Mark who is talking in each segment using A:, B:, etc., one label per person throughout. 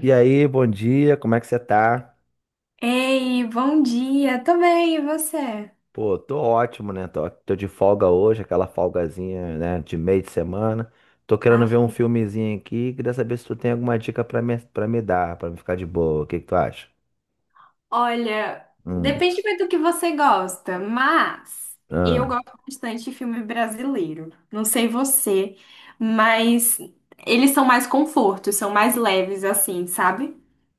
A: E aí, bom dia, como é que você tá?
B: Ei, bom dia, tô bem, e você?
A: Pô, tô ótimo, né? Tô de folga hoje, aquela folgazinha, né, de meio de semana. Tô querendo ver
B: Ah,
A: um filmezinho aqui, queria saber se tu tem alguma dica pra me dar, pra me ficar de boa. O que que tu acha?
B: olha,
A: Hum.
B: depende muito do que você gosta, mas eu
A: Ah,
B: gosto bastante de filme brasileiro. Não sei você, mas eles são mais confortos, são mais leves, assim, sabe?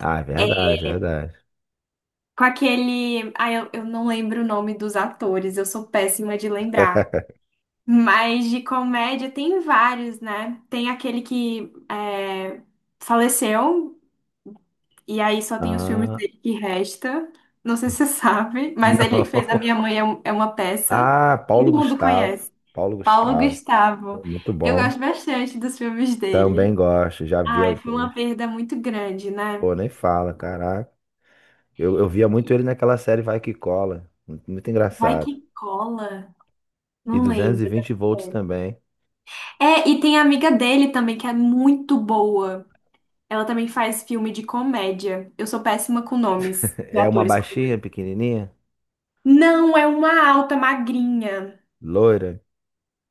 A: ah, é verdade, é verdade.
B: Com aquele. Ah, eu não lembro o nome dos atores, eu sou péssima de lembrar. Mas de comédia tem vários, né? Tem aquele que é, faleceu. E aí só tem os filmes
A: Ah,
B: dele que resta. Não sei se você sabe, mas ele
A: não.
B: fez A Minha Mãe é é uma peça.
A: Ah, Paulo
B: Todo mundo
A: Gustavo.
B: conhece.
A: Paulo
B: Paulo
A: Gustavo,
B: Gustavo.
A: muito
B: Eu
A: bom.
B: gosto bastante dos filmes
A: Também
B: dele.
A: gosto, já vi
B: Ai, foi
A: alguns.
B: uma perda muito grande, né?
A: Pô, nem fala, caraca. Eu via muito ele naquela série Vai Que Cola. Muito
B: Vai
A: engraçado.
B: que cola.
A: E
B: Não lembro.
A: 220 volts também.
B: É, e tem a amiga dele também, que é muito boa. Ela também faz filme de comédia. Eu sou péssima com nomes de
A: É uma
B: atores.
A: baixinha, pequenininha,
B: Não, é uma alta, magrinha.
A: loira.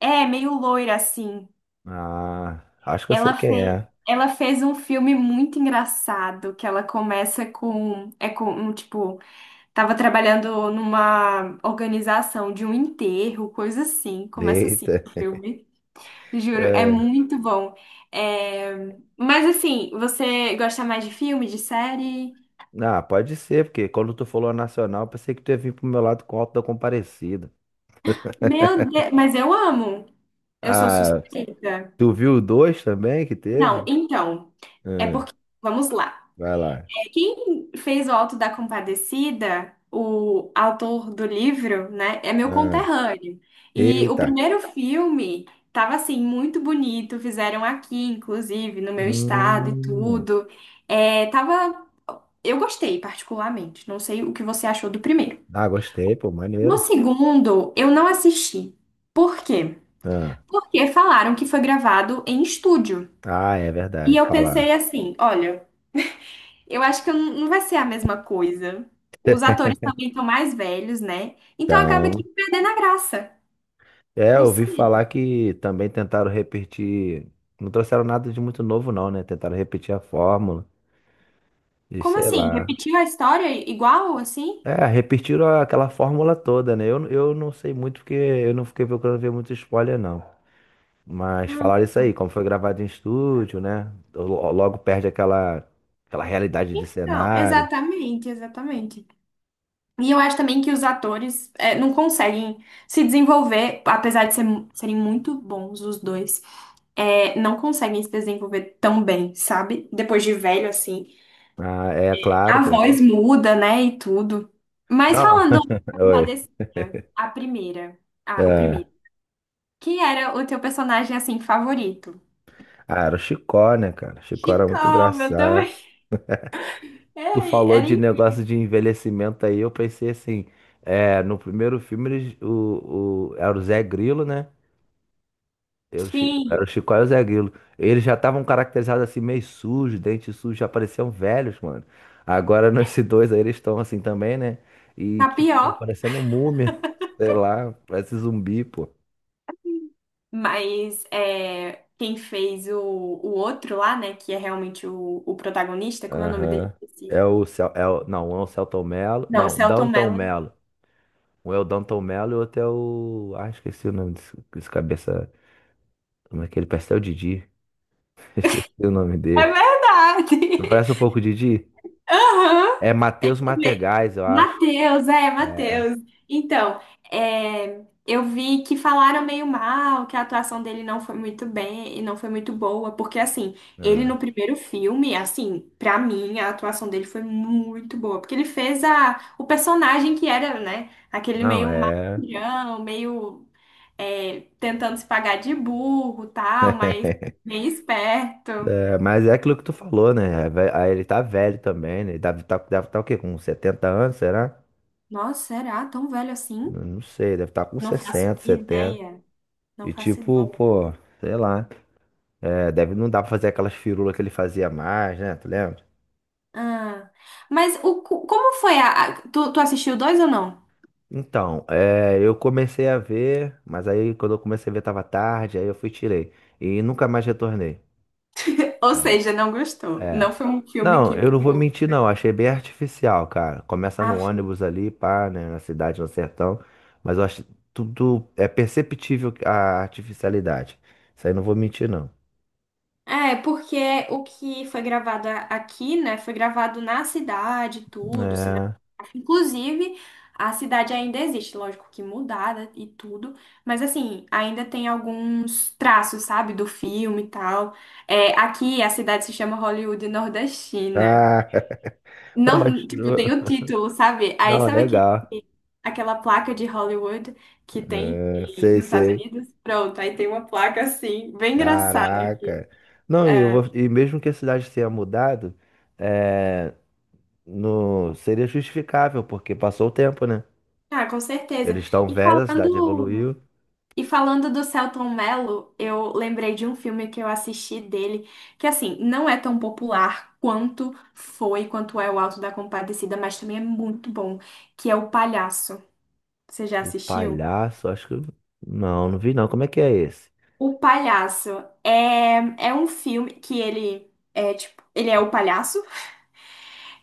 B: É, meio loira assim.
A: Ah, acho que eu sei
B: Ela
A: quem
B: fez,
A: é.
B: ela fez um filme muito engraçado, que ela começa com, é com, um, tipo, tava trabalhando numa organização de um enterro, coisa assim, começa assim
A: Eita.
B: o filme, juro, é
A: É.
B: muito bom. É, mas assim, você gosta mais de filme, de série?
A: Ah, pode ser, porque quando tu falou a Nacional, eu pensei que tu ia vir pro meu lado com o Alto da Comparecida.
B: Meu Deus, mas eu amo, eu sou
A: Ah,
B: suspeita.
A: tu viu o dois também que
B: Não,
A: teve?
B: então, é
A: Ah,
B: porque, vamos lá.
A: vai lá.
B: Quem fez o Alto da Compadecida, o autor do livro, né, é meu
A: Ah,
B: conterrâneo. E o
A: eita.
B: primeiro filme tava assim muito bonito, fizeram aqui, inclusive, no meu estado e
A: Hum.
B: tudo. É, tava, eu gostei particularmente. Não sei o que você achou do primeiro.
A: Ah, gostei, pô,
B: No
A: maneiro.
B: segundo, eu não assisti. Por quê?
A: Ah,
B: Porque falaram que foi gravado em estúdio.
A: ah, é
B: E
A: verdade,
B: eu
A: falar.
B: pensei assim, olha. Eu acho que eu não vai ser a mesma coisa. Os atores também estão mais velhos, né? Então acaba que
A: Então,
B: perdendo a graça.
A: é,
B: Não
A: eu ouvi falar
B: sei.
A: que também tentaram repetir. Não trouxeram nada de muito novo, não, né? Tentaram repetir a fórmula e
B: Como
A: sei
B: assim?
A: lá.
B: Repetiu a história igual assim?
A: É, repetiram aquela fórmula toda, né? Eu não sei muito porque eu não fiquei procurando ver muito spoiler, não. Mas
B: Ah.
A: falaram isso aí, como foi gravado em estúdio, né? Logo perde aquela realidade de
B: Então,
A: cenário.
B: exatamente, exatamente. E eu acho também que os atores é, não conseguem se desenvolver, apesar de serem muito bons os dois, é, não conseguem se desenvolver tão bem, sabe? Depois de velho, assim.
A: Ah, é, claro,
B: A
A: claro.
B: voz muda, né? E tudo. Mas
A: Não,
B: falando
A: oi.
B: Compadecida, a primeira, ah, o
A: É.
B: primeiro. Quem era o teu personagem, assim, favorito?
A: Ah, era o Chicó, né, cara? Chicó era muito
B: Chicó, meu
A: engraçado.
B: também.
A: Tu
B: É,
A: falou
B: era
A: de negócio de envelhecimento aí, eu pensei assim, é, no primeiro filme eles, era o Zé Grilo, né? Era o era o
B: Sim,
A: Chicó e o Zé Grilo. Eles já estavam caracterizados assim, meio sujos, dente sujo, já pareciam velhos, mano. Agora nesse dois aí eles estão assim também, né? E
B: tá
A: tipo, tão
B: pior,
A: parecendo múmia, sei lá, parece zumbi, pô.
B: mas é, quem fez o outro lá, né, que é realmente o protagonista, como é o nome dele?
A: Aham.
B: Esqueci.
A: É o, é o, não, um é o Celton Mello,
B: Não, o
A: não,
B: Selton
A: Danton
B: Mello.
A: Mello. Um é o Danton Mello e o outro é o. Ah, esqueci o nome desse cabeça. Como é que ele? Pastel Didi. Esqueci o nome
B: É
A: dele. Não
B: verdade.
A: parece um pouco Didi?
B: Aham.
A: É Matheus
B: Le-
A: Mategais, eu acho.
B: Matheus, é,
A: É.
B: Matheus. Então, é, eu vi que falaram meio mal, que a atuação dele não foi muito bem e não foi muito boa, porque assim, ele no
A: Ah,
B: primeiro filme, assim, pra mim, a atuação dele foi muito boa, porque ele fez a, o personagem que era, né, aquele
A: não,
B: meio
A: é.
B: malandrão, meio é, tentando se pagar de burro, tal, mas bem esperto.
A: É, mas é aquilo que tu falou, né? É. Aí ele tá velho também, né? Ele deve tá, deve tá o quê? Com 70 anos, será?
B: Nossa, será tão velho assim?
A: Eu não sei, deve estar com
B: Não faço
A: 60 70.
B: ideia. Não
A: E
B: faço.
A: tipo, pô, sei lá. É, deve não dá pra fazer aquelas firulas que ele fazia mais, né? Tu lembra?
B: Ah, mas o, como foi a... Tu, tu assistiu dois ou não?
A: Então, é, eu comecei a ver, mas aí quando eu comecei a ver tava tarde, aí eu fui e tirei. E nunca mais retornei.
B: Ou seja, não gostou.
A: É.
B: Não foi um filme
A: Não,
B: que
A: eu não vou
B: pegou.
A: mentir, não. Achei bem artificial, cara. Começa no
B: Ah, sim.
A: ônibus ali, pá, né? Na cidade, no sertão. Mas eu acho tudo. É perceptível a artificialidade. Isso aí não vou mentir, não.
B: É, porque o que foi gravado aqui, né, foi gravado na cidade, tudo, cinematográfico.
A: É.
B: Inclusive, a cidade ainda existe, lógico que mudada e tudo, mas assim, ainda tem alguns traços, sabe, do filme e tal. É, aqui a cidade se chama Hollywood Nordestina.
A: Ah, não, mas.
B: Não, tipo, tem o título, sabe? Aí
A: Não,
B: sabe aquele,
A: legal.
B: aquela placa de Hollywood que tem
A: É, sei,
B: nos Estados
A: sei.
B: Unidos? Pronto, aí tem uma placa assim, bem engraçada aqui.
A: Caraca. Não, e, e mesmo que a cidade tenha mudado, é, no, seria justificável, porque passou o tempo, né?
B: Ah, com certeza.
A: Eles estão
B: E
A: velhos, a cidade
B: falando,
A: evoluiu.
B: e falando do Selton Mello, eu lembrei de um filme que eu assisti dele, que assim, não é tão popular quanto foi, quanto é o Alto da Compadecida, mas também é muito bom, que é O Palhaço. Você já
A: O
B: assistiu?
A: palhaço, acho que. Não, não vi não. Como é que é esse?
B: O Palhaço é, é um filme que ele é tipo, ele é o palhaço.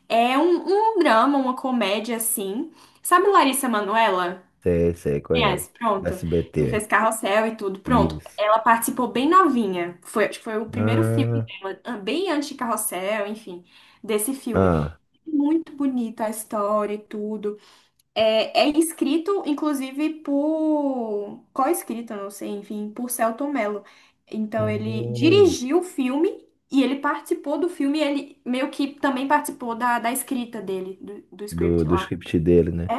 B: É um, um drama, uma comédia assim. Sabe Larissa Manoela?
A: Sei, sei, conheço.
B: Conhece,
A: Do
B: pronto. Que
A: SBT.
B: fez Carrossel e tudo. Pronto.
A: Isso.
B: Ela participou bem novinha. Foi, acho que foi o primeiro filme
A: Ah,
B: dela, ah, bem antes de Carrossel, enfim, desse filme.
A: ah.
B: Muito bonita a história e tudo. É, é escrito, inclusive, por... Co-escrito, não sei, enfim, por Selton Mello. Então, ele
A: Hum.
B: dirigiu o filme e ele participou do filme. E ele meio que também participou da, da escrita dele, do, do
A: Do,
B: script
A: do
B: lá.
A: script dele, né?
B: É,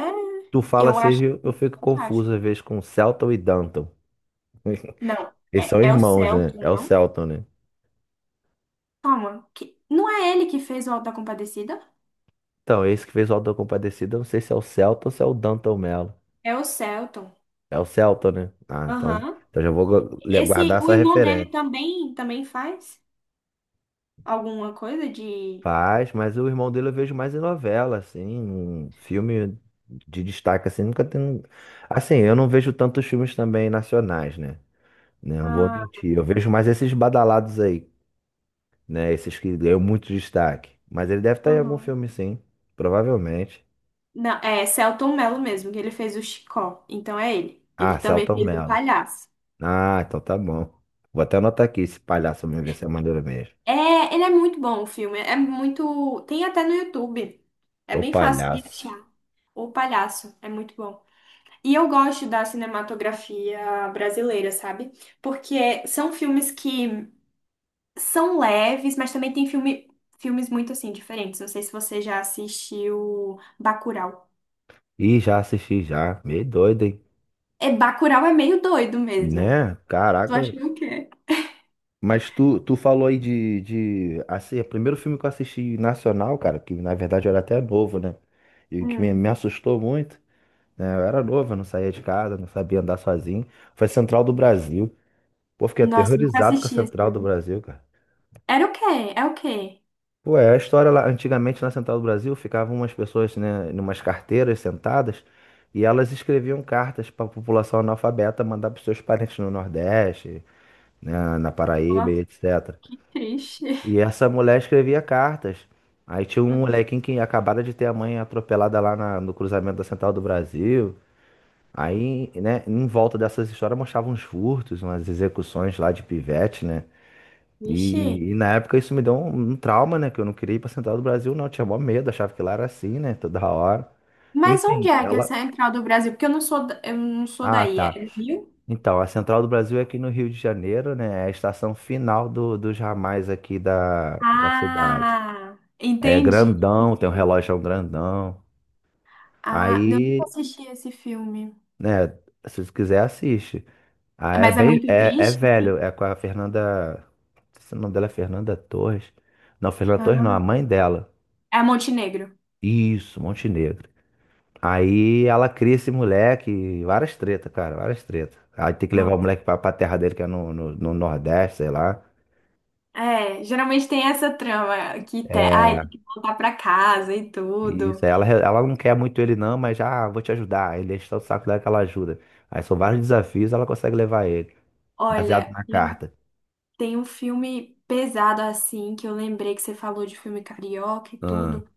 A: Tu fala
B: eu acho
A: seja, eu fico
B: fantástico.
A: confuso às vezes com Celton e Danton.
B: Não,
A: Eles
B: é,
A: são
B: é o
A: irmãos, né?
B: Selton,
A: É o
B: não?
A: Celton, né?
B: Calma, que... não é ele que fez o Auto da Compadecida?
A: Então, esse que fez o Auto da Compadecida, eu não sei se é o Celta ou se é o Danton Mello.
B: É o Selton.
A: É o Celta, né? Ah, então,
B: Aham.
A: então já vou
B: Esse,
A: guardar
B: o
A: essa
B: irmão dele
A: referência.
B: também, também faz alguma coisa de...
A: Faz, mas o irmão dele eu vejo mais em novela, assim, em filme de destaque, assim, nunca tem. Um. Assim, eu não vejo tantos filmes também nacionais, né? Né, não vou
B: Ah,
A: mentir. Eu vejo mais esses badalados aí, né? Esses que ganham muito destaque. Mas ele deve estar em algum
B: aham.
A: filme, sim, provavelmente.
B: Não, é Selton Mello mesmo, que ele fez o Chicó. Então é ele. Ele
A: Ah,
B: também
A: Celton
B: fez o
A: Mello.
B: Palhaço.
A: Ah, então tá bom. Vou até anotar aqui esse palhaço mesmo, ver se é maneiro mesmo.
B: É, ele é muito bom o filme. É muito. Tem até no YouTube. É
A: Ô
B: bem fácil de
A: palhaço.
B: achar. O Palhaço é muito bom. E eu gosto da cinematografia brasileira, sabe? Porque são filmes que são leves, mas também tem filme, filmes muito assim diferentes. Não sei se você já assistiu Bacurau.
A: Ih, já assisti já. Meio doido, hein?
B: É, Bacurau é meio doido mesmo.
A: Né?
B: Tu acha
A: Caraca.
B: que é o quê?
A: Mas tu falou aí de. Assim, o primeiro filme que eu assisti nacional, cara, que na verdade eu era até novo, né? E que me,
B: Hum.
A: me assustou muito, né? Eu era novo, eu não saía de casa, não sabia andar sozinho. Foi Central do Brasil. Pô, fiquei
B: Nossa, nunca
A: aterrorizado com a
B: assisti esse
A: Central do
B: filme.
A: Brasil, cara.
B: Era o quê? É o quê?
A: Pô, é a história lá, antigamente na Central do Brasil ficavam umas pessoas, né, numas carteiras sentadas e elas escreviam cartas para a população analfabeta mandar para seus parentes no Nordeste, né, na Paraíba e
B: Nossa,
A: etc.
B: que triste.
A: E essa mulher escrevia cartas. Aí tinha um molequinho que acabara de ter a mãe atropelada lá no cruzamento da Central do Brasil. Aí, né, em volta dessas histórias mostravam uns furtos, umas execuções lá de pivete, né?
B: Vixe.
A: E na época isso me deu um trauma, né? Que eu não queria ir pra Central do Brasil, não. Eu tinha mó medo, achava que lá era assim, né? Toda hora.
B: Mas onde
A: Enfim,
B: é que é a
A: ela.
B: central do Brasil? Porque eu não sou, eu não sou
A: Ah,
B: daí. É
A: tá.
B: do Rio?
A: Então, a Central do Brasil é aqui no Rio de Janeiro, né? É a estação final dos ramais aqui da cidade.
B: Ah,
A: É
B: entendi.
A: grandão, tem um relógio grandão.
B: Ah, eu nunca
A: Aí,
B: assisti esse filme.
A: né? Se você quiser, assiste. Ah, é
B: Mas é
A: bem.
B: muito
A: É
B: triste,
A: velho,
B: sim.
A: é com a Fernanda. Não sei se o nome dela é Fernanda Torres. Não, Fernanda Torres não,
B: Ah,
A: a mãe dela.
B: é Montenegro.
A: Isso, Montenegro. Aí ela, cria esse moleque, várias tretas, cara, várias tretas. Aí tem que levar
B: Não.
A: o moleque pra terra dele, que é no Nordeste, sei lá.
B: É, geralmente tem essa trama que te, ai,
A: É,
B: tem que voltar pra casa e tudo.
A: isso. Aí ela não quer muito ele, não, mas já "Ah, vou te ajudar." Aí ele enche o saco dela que ela ajuda. Aí são vários desafios, ela consegue levar ele, baseado
B: Olha,
A: na carta.
B: tem um filme pesado assim, que eu lembrei que você falou de filme carioca e
A: Ah,
B: tudo,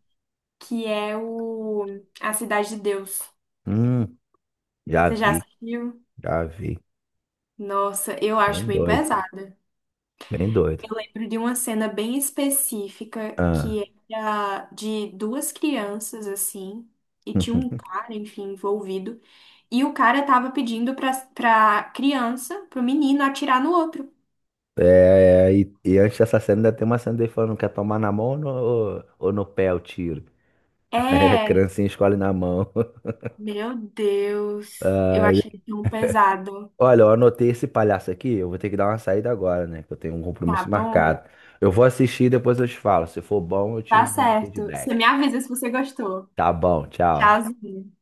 B: que é o A Cidade de Deus.
A: hum, já
B: Você já
A: vi,
B: assistiu?
A: já vi.
B: Nossa, eu acho
A: Bem
B: bem
A: doido,
B: pesada.
A: bem doido.
B: Eu lembro de uma cena bem específica
A: Ah.
B: que era de duas crianças assim, e tinha um cara, enfim, envolvido, e o cara tava pedindo pra criança, pro menino atirar no outro.
A: É, e antes dessa cena ainda tem uma cena dele falando, quer tomar na mão ou no pé o tiro? É,
B: É,
A: criancinha escolhe na mão.
B: meu Deus, eu
A: Ai,
B: achei tão pesado.
A: olha, eu anotei esse palhaço aqui. Eu vou ter que dar uma saída agora, né? Que eu tenho um
B: Tá
A: compromisso
B: bom.
A: marcado. Eu vou assistir e depois eu te falo. Se for bom, eu te
B: Tá
A: mando
B: certo. Você
A: feedback.
B: me avisa se você gostou.
A: Tá bom, tchau.
B: Tchauzinho.